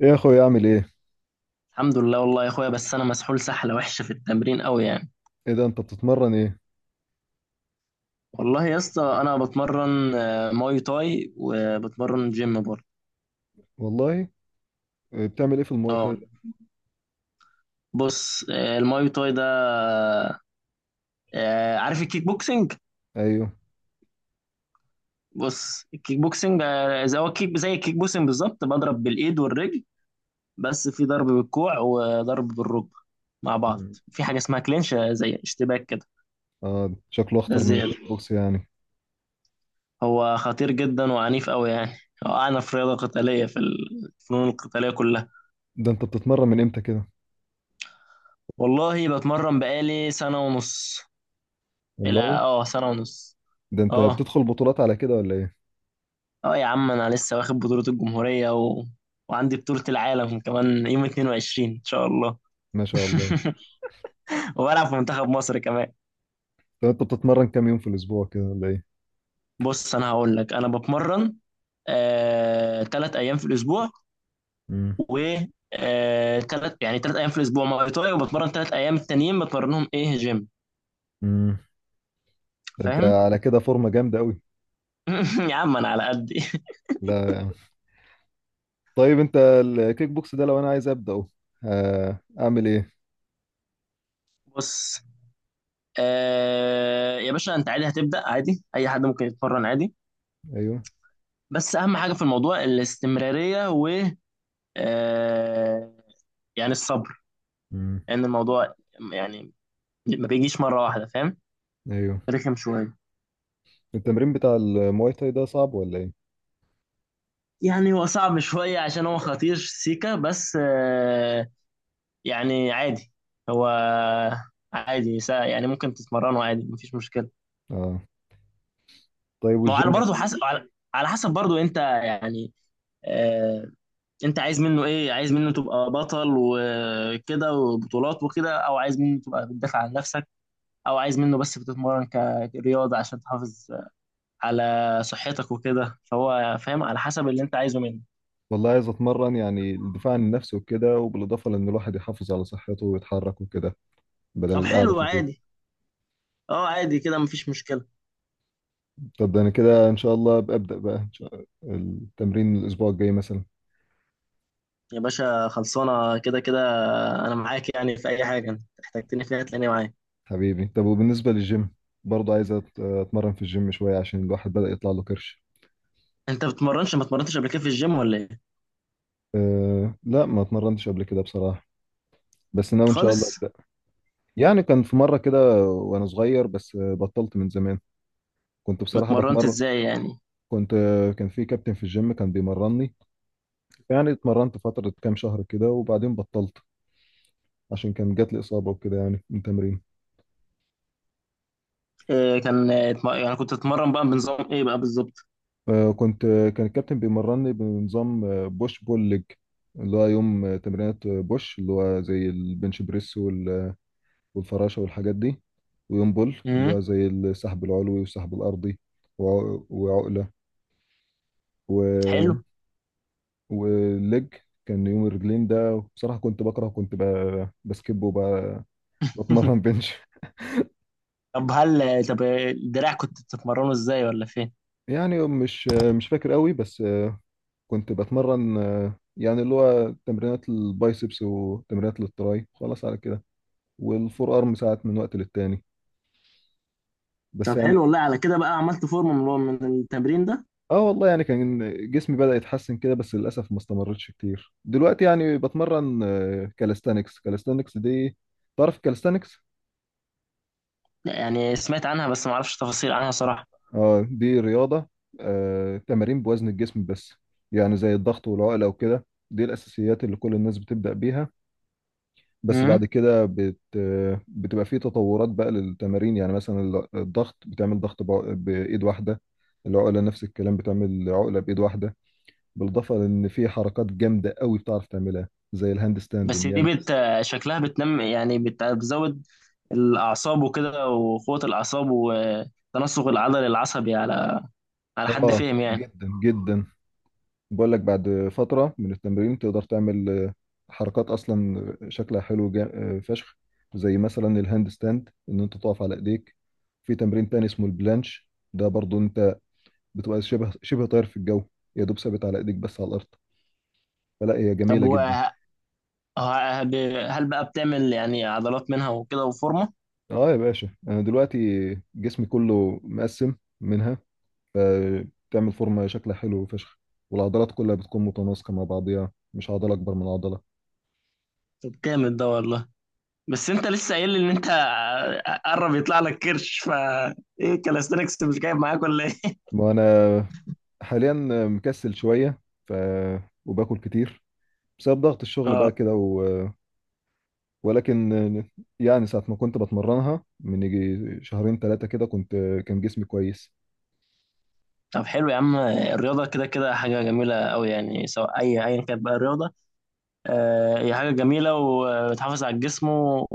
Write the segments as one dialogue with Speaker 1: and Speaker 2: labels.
Speaker 1: ايه يا اخويا، اعمل ايه؟
Speaker 2: الحمد لله والله يا اخويا، بس انا مسحول سحله وحشه في التمرين قوي يعني.
Speaker 1: ايه ده، انت بتتمرن ايه؟
Speaker 2: والله يا اسطى انا بتمرن ماي تاي وبتمرن جيم برضه.
Speaker 1: والله. إيه بتعمل ايه في المواي تاي
Speaker 2: اه.
Speaker 1: ده؟
Speaker 2: بص، الماي تاي ده، عارف الكيك بوكسنج؟
Speaker 1: ايوه.
Speaker 2: بص، الكيك بوكسنج زي الكيك بوكسنج بالظبط، بضرب بالايد والرجل، بس في ضرب بالكوع وضرب بالركبه مع بعض.
Speaker 1: مم.
Speaker 2: في حاجه اسمها كلينش، زي اشتباك كده.
Speaker 1: اه، شكله
Speaker 2: ده
Speaker 1: اخطر من
Speaker 2: الزياده.
Speaker 1: الكيك بوكس يعني.
Speaker 2: هو خطير جدا وعنيف قوي يعني. هو اعنف رياضه قتاليه في الفنون القتاليه كلها.
Speaker 1: ده انت بتتمرن من امتى كده؟
Speaker 2: والله بتمرن بقالي سنة ونص، الى
Speaker 1: والله.
Speaker 2: سنة ونص.
Speaker 1: ده انت
Speaker 2: اه،
Speaker 1: بتدخل بطولات على كده ولا ايه؟
Speaker 2: اه يا عم، انا لسه واخد بطولة الجمهورية، و... وعندي بطولة العالم كمان يوم 22 ان شاء الله.
Speaker 1: ما شاء الله.
Speaker 2: وبلعب في منتخب مصر كمان.
Speaker 1: طب انت بتتمرن كام يوم في الاسبوع كده ولا ايه؟
Speaker 2: بص انا هقول لك، انا بتمرن تلات ايام في الاسبوع،
Speaker 1: امم.
Speaker 2: و تلات ايام في الاسبوع ماي تاي، وبتمرن تلات ايام التانيين، بتمرنهم ايه؟ جيم.
Speaker 1: امم. ده انت
Speaker 2: فاهم.
Speaker 1: على كده فورمه جامده قوي.
Speaker 2: يا عم انا على قدي.
Speaker 1: لا يعني. طيب انت الكيك بوكس ده لو انا عايز ابداه، اعمل ايه؟
Speaker 2: بص، يا باشا، انت عادي هتبدأ عادي، اي حد ممكن يتمرن عادي.
Speaker 1: ايوه.
Speaker 2: بس اهم حاجة في الموضوع الاستمرارية، و آه يعني الصبر.
Speaker 1: امم.
Speaker 2: لان الموضوع يعني ما بيجيش مرة واحدة، فاهم.
Speaker 1: ايوه.
Speaker 2: رخم شوية.
Speaker 1: التمرين بتاع المواي تاي ده صعب ولا ايه؟
Speaker 2: يعني هو صعب شوية عشان هو خطير سيكا، بس يعني عادي. هو عادي يعني ممكن تتمرنه عادي، مفيش مشكلة.
Speaker 1: اه. طيب،
Speaker 2: ما هو على
Speaker 1: والجيم؟
Speaker 2: برضه حسب، على حسب برضه انت يعني، آه، انت عايز منه ايه؟ عايز منه تبقى بطل وكده وبطولات وكده، او عايز منه تبقى بتدافع عن نفسك، او عايز منه بس بتتمرن كرياضة عشان تحافظ على صحتك وكده، فهو فاهم، على حسب اللي انت عايزه منه.
Speaker 1: والله عايز اتمرن، يعني الدفاع عن النفس وكده، وبالاضافه لان الواحد يحافظ على صحته ويتحرك وكده، بدل
Speaker 2: طب
Speaker 1: القعده
Speaker 2: حلو
Speaker 1: في البيت.
Speaker 2: عادي. اه عادي كده مفيش مشكلة.
Speaker 1: طب ده انا كده ان شاء الله ببدا بقى، إن شاء التمرين الاسبوع الجاي مثلا.
Speaker 2: يا باشا خلصانة، كده كده انا معاك، يعني في اي حاجة انت احتجتني فيها تلاقيني معاك.
Speaker 1: حبيبي. طب وبالنسبه للجيم، برضه عايز اتمرن في الجيم شويه عشان الواحد بدا يطلع له كرش.
Speaker 2: انت بتمرنش؟ ما اتمرنتش قبل كده في الجيم ولا ايه؟
Speaker 1: أه لا، ما اتمرنتش قبل كده بصراحه، بس ناوي ان شاء الله
Speaker 2: خالص.
Speaker 1: ابدا. يعني كان في مره كده وانا صغير بس بطلت من زمان. كنت بصراحه
Speaker 2: اتمرنت
Speaker 1: بتمرن.
Speaker 2: ازاي يعني؟
Speaker 1: كنت كان في كابتن في الجيم كان بيمرني، يعني اتمرنت فترة كام شهر كده وبعدين بطلت، عشان كان جات لي إصابة وكده يعني من تمرين.
Speaker 2: إيه؟ كان يعني كنت اتمرن بقى بنظام ايه بقى بالظبط؟
Speaker 1: آه، كنت آه، كان الكابتن بيمرني بنظام بوش بول ليج، اللي هو يوم تمرينات بوش اللي هو زي البنش بريس والفراشة والحاجات دي، ويوم بول اللي
Speaker 2: مم.
Speaker 1: هو زي السحب العلوي والسحب الأرضي وعقلة
Speaker 2: حلو.
Speaker 1: و... والليج. كان يوم الرجلين ده بصراحة كنت بكره، بسكب وبتمرن بنش.
Speaker 2: طب، هل طب الدراع كنت بتتمرنه ازاي ولا فين؟
Speaker 1: يعني مش فاكر قوي، بس كنت بتمرن يعني اللي هو تمرينات البايسبس وتمرينات للتراي، خلاص على كده، والفور ارم ساعات من وقت للتاني، بس
Speaker 2: طب حلو
Speaker 1: يعني.
Speaker 2: والله، على كده بقى عملت فورمه من التمرين ده؟
Speaker 1: اه والله يعني كان جسمي بدأ يتحسن كده، بس للأسف ما استمرتش كتير. دلوقتي يعني بتمرن كالستانكس، كالستانكس دي. تعرف كالستانكس؟
Speaker 2: لا، يعني سمعت عنها بس ما اعرفش تفاصيل عنها صراحة.
Speaker 1: اه، دي رياضة، تمارين بوزن الجسم بس، يعني زي الضغط والعقلة وكده. دي الأساسيات اللي كل الناس بتبدأ بيها، بس بعد
Speaker 2: امم.
Speaker 1: كده بتبقى في تطورات بقى للتمارين، يعني مثلا الضغط بتعمل ضغط بإيد واحدة. العقلة نفس الكلام، بتعمل عقلة بإيد واحدة، بالإضافة لأن في حركات جامدة قوي بتعرف تعملها زي الهاند ستاند
Speaker 2: بس
Speaker 1: إن
Speaker 2: دي
Speaker 1: يعني.
Speaker 2: شكلها بتنم، يعني بتزود الأعصاب وكده، وقوة الأعصاب وتناسق العضل العصبي، على حد فهم يعني.
Speaker 1: جدا جدا. بقول لك بعد فترة من التمرين تقدر تعمل حركات أصلا شكلها حلو جا... آه، فشخ، زي مثلا الهاند ستاند إن أنت تقف على إيديك. في تمرين تاني اسمه البلانش، ده برضو بتبقى شبه شبه طاير في الجو، يا دوب ثابت على ايديك بس على الارض، فلا هي
Speaker 2: طب
Speaker 1: جميله جدا.
Speaker 2: ه- هل بقى بتعمل يعني عضلات منها وكده وفورمة؟
Speaker 1: اه يا باشا، انا دلوقتي جسمي كله مقسم منها، فبتعمل فورمه شكلها حلو فشخ، والعضلات كلها بتكون متناسقه مع بعضيها، مش عضله اكبر من عضله.
Speaker 2: طب جامد ده والله. بس انت لسه قايل لي ان انت قرب يطلع لك كرش، ف ايه كالاستنكس مش جايب معاك ولا ايه؟
Speaker 1: وانا حاليا مكسل شويه، ف، وباكل كتير بسبب ضغط الشغل بقى
Speaker 2: اه.
Speaker 1: كده ولكن يعني ساعة ما كنت بتمرنها من يجي شهرين ثلاثة كده، كان جسمي كويس.
Speaker 2: طب حلو يا عم، الرياضة كده كده حاجة جميلة أوي يعني، سواء أيا كانت بقى الرياضة، هي حاجة جميلة وبتحافظ على الجسم، و...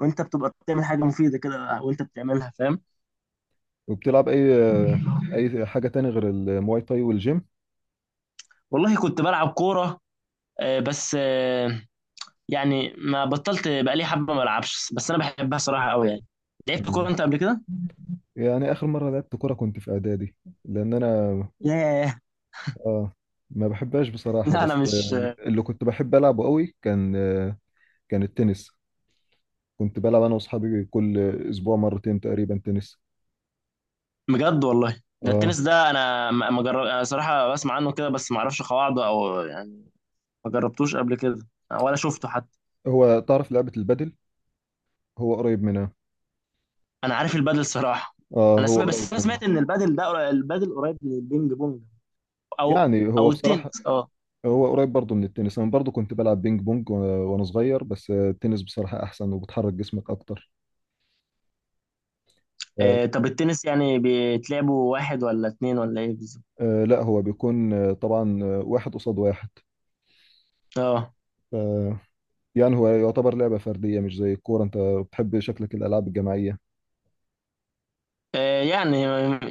Speaker 2: وأنت بتبقى بتعمل حاجة مفيدة كده وأنت بتعملها، فاهم.
Speaker 1: وبتلعب اي، حاجه تاني غير المواي تاي والجيم؟
Speaker 2: والله كنت بلعب كورة، بس يعني ما بطلت بقالي حبة ما ألعبش، بس أنا بحبها صراحة أوي يعني. لعبت
Speaker 1: مم.
Speaker 2: كورة أنت قبل كده؟
Speaker 1: يعني اخر مره لعبت كوره كنت في اعدادي، لان انا،
Speaker 2: ياه.
Speaker 1: اه، ما بحبهاش بصراحه،
Speaker 2: لا، أنا
Speaker 1: بس
Speaker 2: مش.
Speaker 1: اللي كنت بحب العبه قوي كان التنس. كنت بلعب انا واصحابي كل اسبوع مرتين تقريبا تنس.
Speaker 2: بجد والله، ده
Speaker 1: اه،
Speaker 2: التنس ده انا ما جرب انا صراحه، بسمع عنه كده بس ما اعرفش قواعده او يعني، ما جربتوش قبل كده، ولا شفته حتى.
Speaker 1: هو تعرف لعبه البادل؟ هو قريب منها.
Speaker 2: انا عارف البادل صراحه.
Speaker 1: اه،
Speaker 2: انا
Speaker 1: هو
Speaker 2: سمعت، بس
Speaker 1: قريب
Speaker 2: انا سمعت
Speaker 1: منها،
Speaker 2: ان البادل قريب من البينج بونج، او
Speaker 1: يعني هو
Speaker 2: او
Speaker 1: بصراحه
Speaker 2: التنس، اه.
Speaker 1: هو قريب برضه من التنس. انا برضه كنت بلعب بينج بونج وأنا صغير، بس التنس بصراحه احسن وبتحرك جسمك اكتر.
Speaker 2: طب التنس يعني بيتلعبوا واحد ولا اتنين ولا ايه بالظبط؟
Speaker 1: لا هو بيكون طبعا واحد قصاد واحد،
Speaker 2: اه.
Speaker 1: ف يعني هو يعتبر لعبة فردية، مش زي الكورة. انت بتحب شكلك الألعاب الجماعية؟
Speaker 2: آه، يعني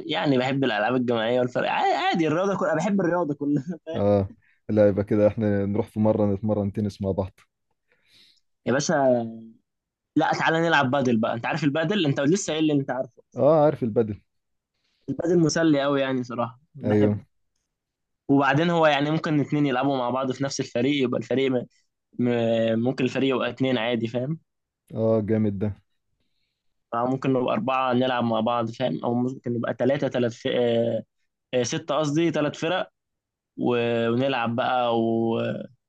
Speaker 2: يعني بحب الالعاب الجماعيه والفرق عادي، عادي، الرياضه كلها، بحب الرياضه كلها.
Speaker 1: اه. لا، يبقى كده احنا نروح في مرة نتمرن تنس مع بعض.
Speaker 2: يا باشا. لا تعالى نلعب بادل بقى، انت عارف البادل، انت لسه قايل لي انت عارف.
Speaker 1: اه، عارف البدل.
Speaker 2: البادل مسلي قوي يعني صراحة
Speaker 1: ايوه.
Speaker 2: بحبه. وبعدين هو يعني ممكن اتنين يلعبوا مع بعض في نفس الفريق، يبقى الفريق م... ممكن الفريق يبقى اتنين عادي، فاهم.
Speaker 1: اه، جامد ده.
Speaker 2: أو ممكن نبقى أربعة نلعب مع بعض، فاهم. أو ممكن نبقى تلاتة، تلات ف... آه، آه، ستة قصدي، تلات فرق، و... ونلعب بقى،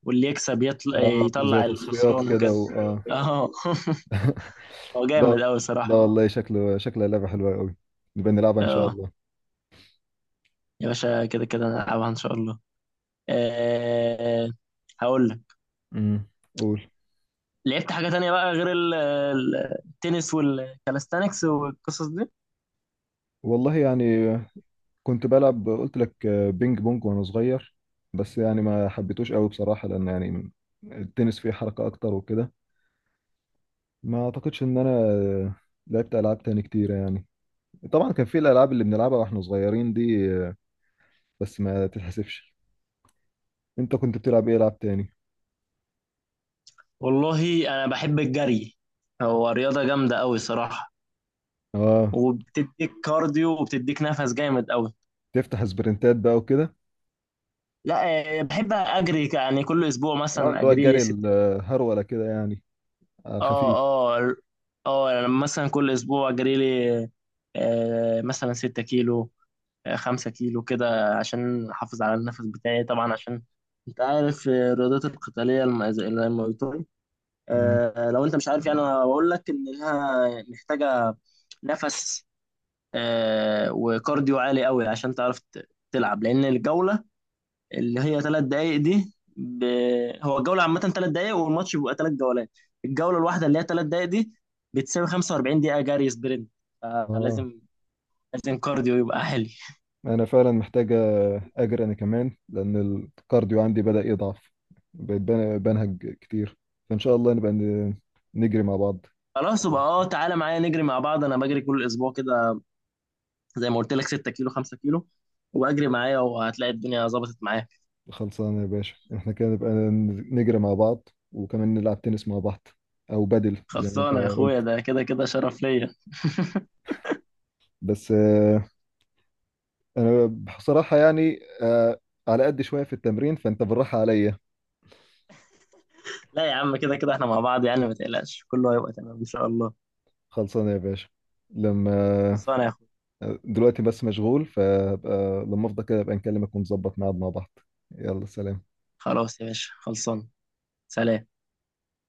Speaker 2: واللي يكسب يطلع
Speaker 1: اه، زي
Speaker 2: يطلع
Speaker 1: تصفيات
Speaker 2: الخسران
Speaker 1: كده
Speaker 2: وكده.
Speaker 1: اه.
Speaker 2: اه. هو
Speaker 1: لا،
Speaker 2: جامد قوي
Speaker 1: لا
Speaker 2: صراحة.
Speaker 1: والله شكلها لعبة حلوة قوي، نبقى نلعبها ان شاء
Speaker 2: اه
Speaker 1: الله.
Speaker 2: يا باشا كده كده نلعبها إن شاء الله، آه، هقول لك.
Speaker 1: امم. قول.
Speaker 2: لعبت حاجة تانية بقى غير التنس والكالستانكس والقصص دي؟
Speaker 1: والله يعني كنت بلعب، قلت لك، بينج بونج وانا صغير، بس يعني ما حبيتوش قوي بصراحة، لان يعني التنس فيه حركة اكتر وكده. ما اعتقدش ان انا لعبت العاب تاني كتيرة يعني. طبعا كان في الالعاب اللي بنلعبها واحنا صغيرين دي، بس ما تتحسبش. انت كنت بتلعب ايه العاب تاني؟
Speaker 2: والله أنا بحب الجري، هو رياضة جامدة أوي صراحة،
Speaker 1: اه،
Speaker 2: وبتديك كارديو وبتديك نفس جامد أوي.
Speaker 1: تفتح سبرنتات بقى وكده.
Speaker 2: لا. بحب أجري يعني كل أسبوع
Speaker 1: اه، اللي
Speaker 2: مثلا
Speaker 1: هو
Speaker 2: أجري لي
Speaker 1: الجري
Speaker 2: ستة.
Speaker 1: الهرولة كده يعني، على
Speaker 2: اه.
Speaker 1: الخفيف.
Speaker 2: اه. اه أنا مثلا كل أسبوع أجري لي مثلا 6 كيلو، 5 كيلو كده عشان أحافظ على النفس بتاعي طبعا، عشان أنت عارف الرياضات القتالية زي الماي تاي،
Speaker 1: مم.
Speaker 2: لو انت مش عارف، يعني انا بقول لك ان لها محتاجه نفس، وكارديو عالي قوي عشان تعرف تلعب، لان الجوله اللي هي 3 دقائق دي هو الجوله عامه 3 دقائق، والماتش بيبقى 3 جولات، الجوله الواحده اللي هي ثلاث دقائق دي بتساوي 45 دقيقه جري سبرنت،
Speaker 1: اه،
Speaker 2: فلازم كارديو يبقى عالي.
Speaker 1: انا فعلا محتاجه اجري انا كمان، لان الكارديو عندي بدأ يضعف، بقيت بنهج كتير، فان شاء الله نبقى نجري مع بعض
Speaker 2: خلاص
Speaker 1: آخر
Speaker 2: يبقى، اه
Speaker 1: الأسبوع.
Speaker 2: تعالى معايا نجري مع بعض، انا بجري كل اسبوع كده، زي ما قلت لك 6 كيلو 5 كيلو، واجري معايا وهتلاقي الدنيا ظبطت معايا.
Speaker 1: خلصانه يا باشا، احنا كده نبقى نجري مع بعض، وكمان نلعب تنس مع بعض، او بدل زي ما انت
Speaker 2: خلصانة يا اخويا،
Speaker 1: قلت.
Speaker 2: ده كده كده شرف ليا.
Speaker 1: بس انا بصراحه يعني على قد شويه في التمرين، فانت بالراحه عليا.
Speaker 2: لا يا عم، كده كده احنا مع بعض يعني، ما تقلقش كله هيبقى تمام ان شاء الله.
Speaker 1: خلصانه يا باشا. لما
Speaker 2: خلصانة يا اخويا.
Speaker 1: دلوقتي بس مشغول، فلما افضى كده ابقى نكلمك ونظبط ميعاد مع بعض. يلا، سلام.
Speaker 2: خلاص يا باشا خلصانة. سلام.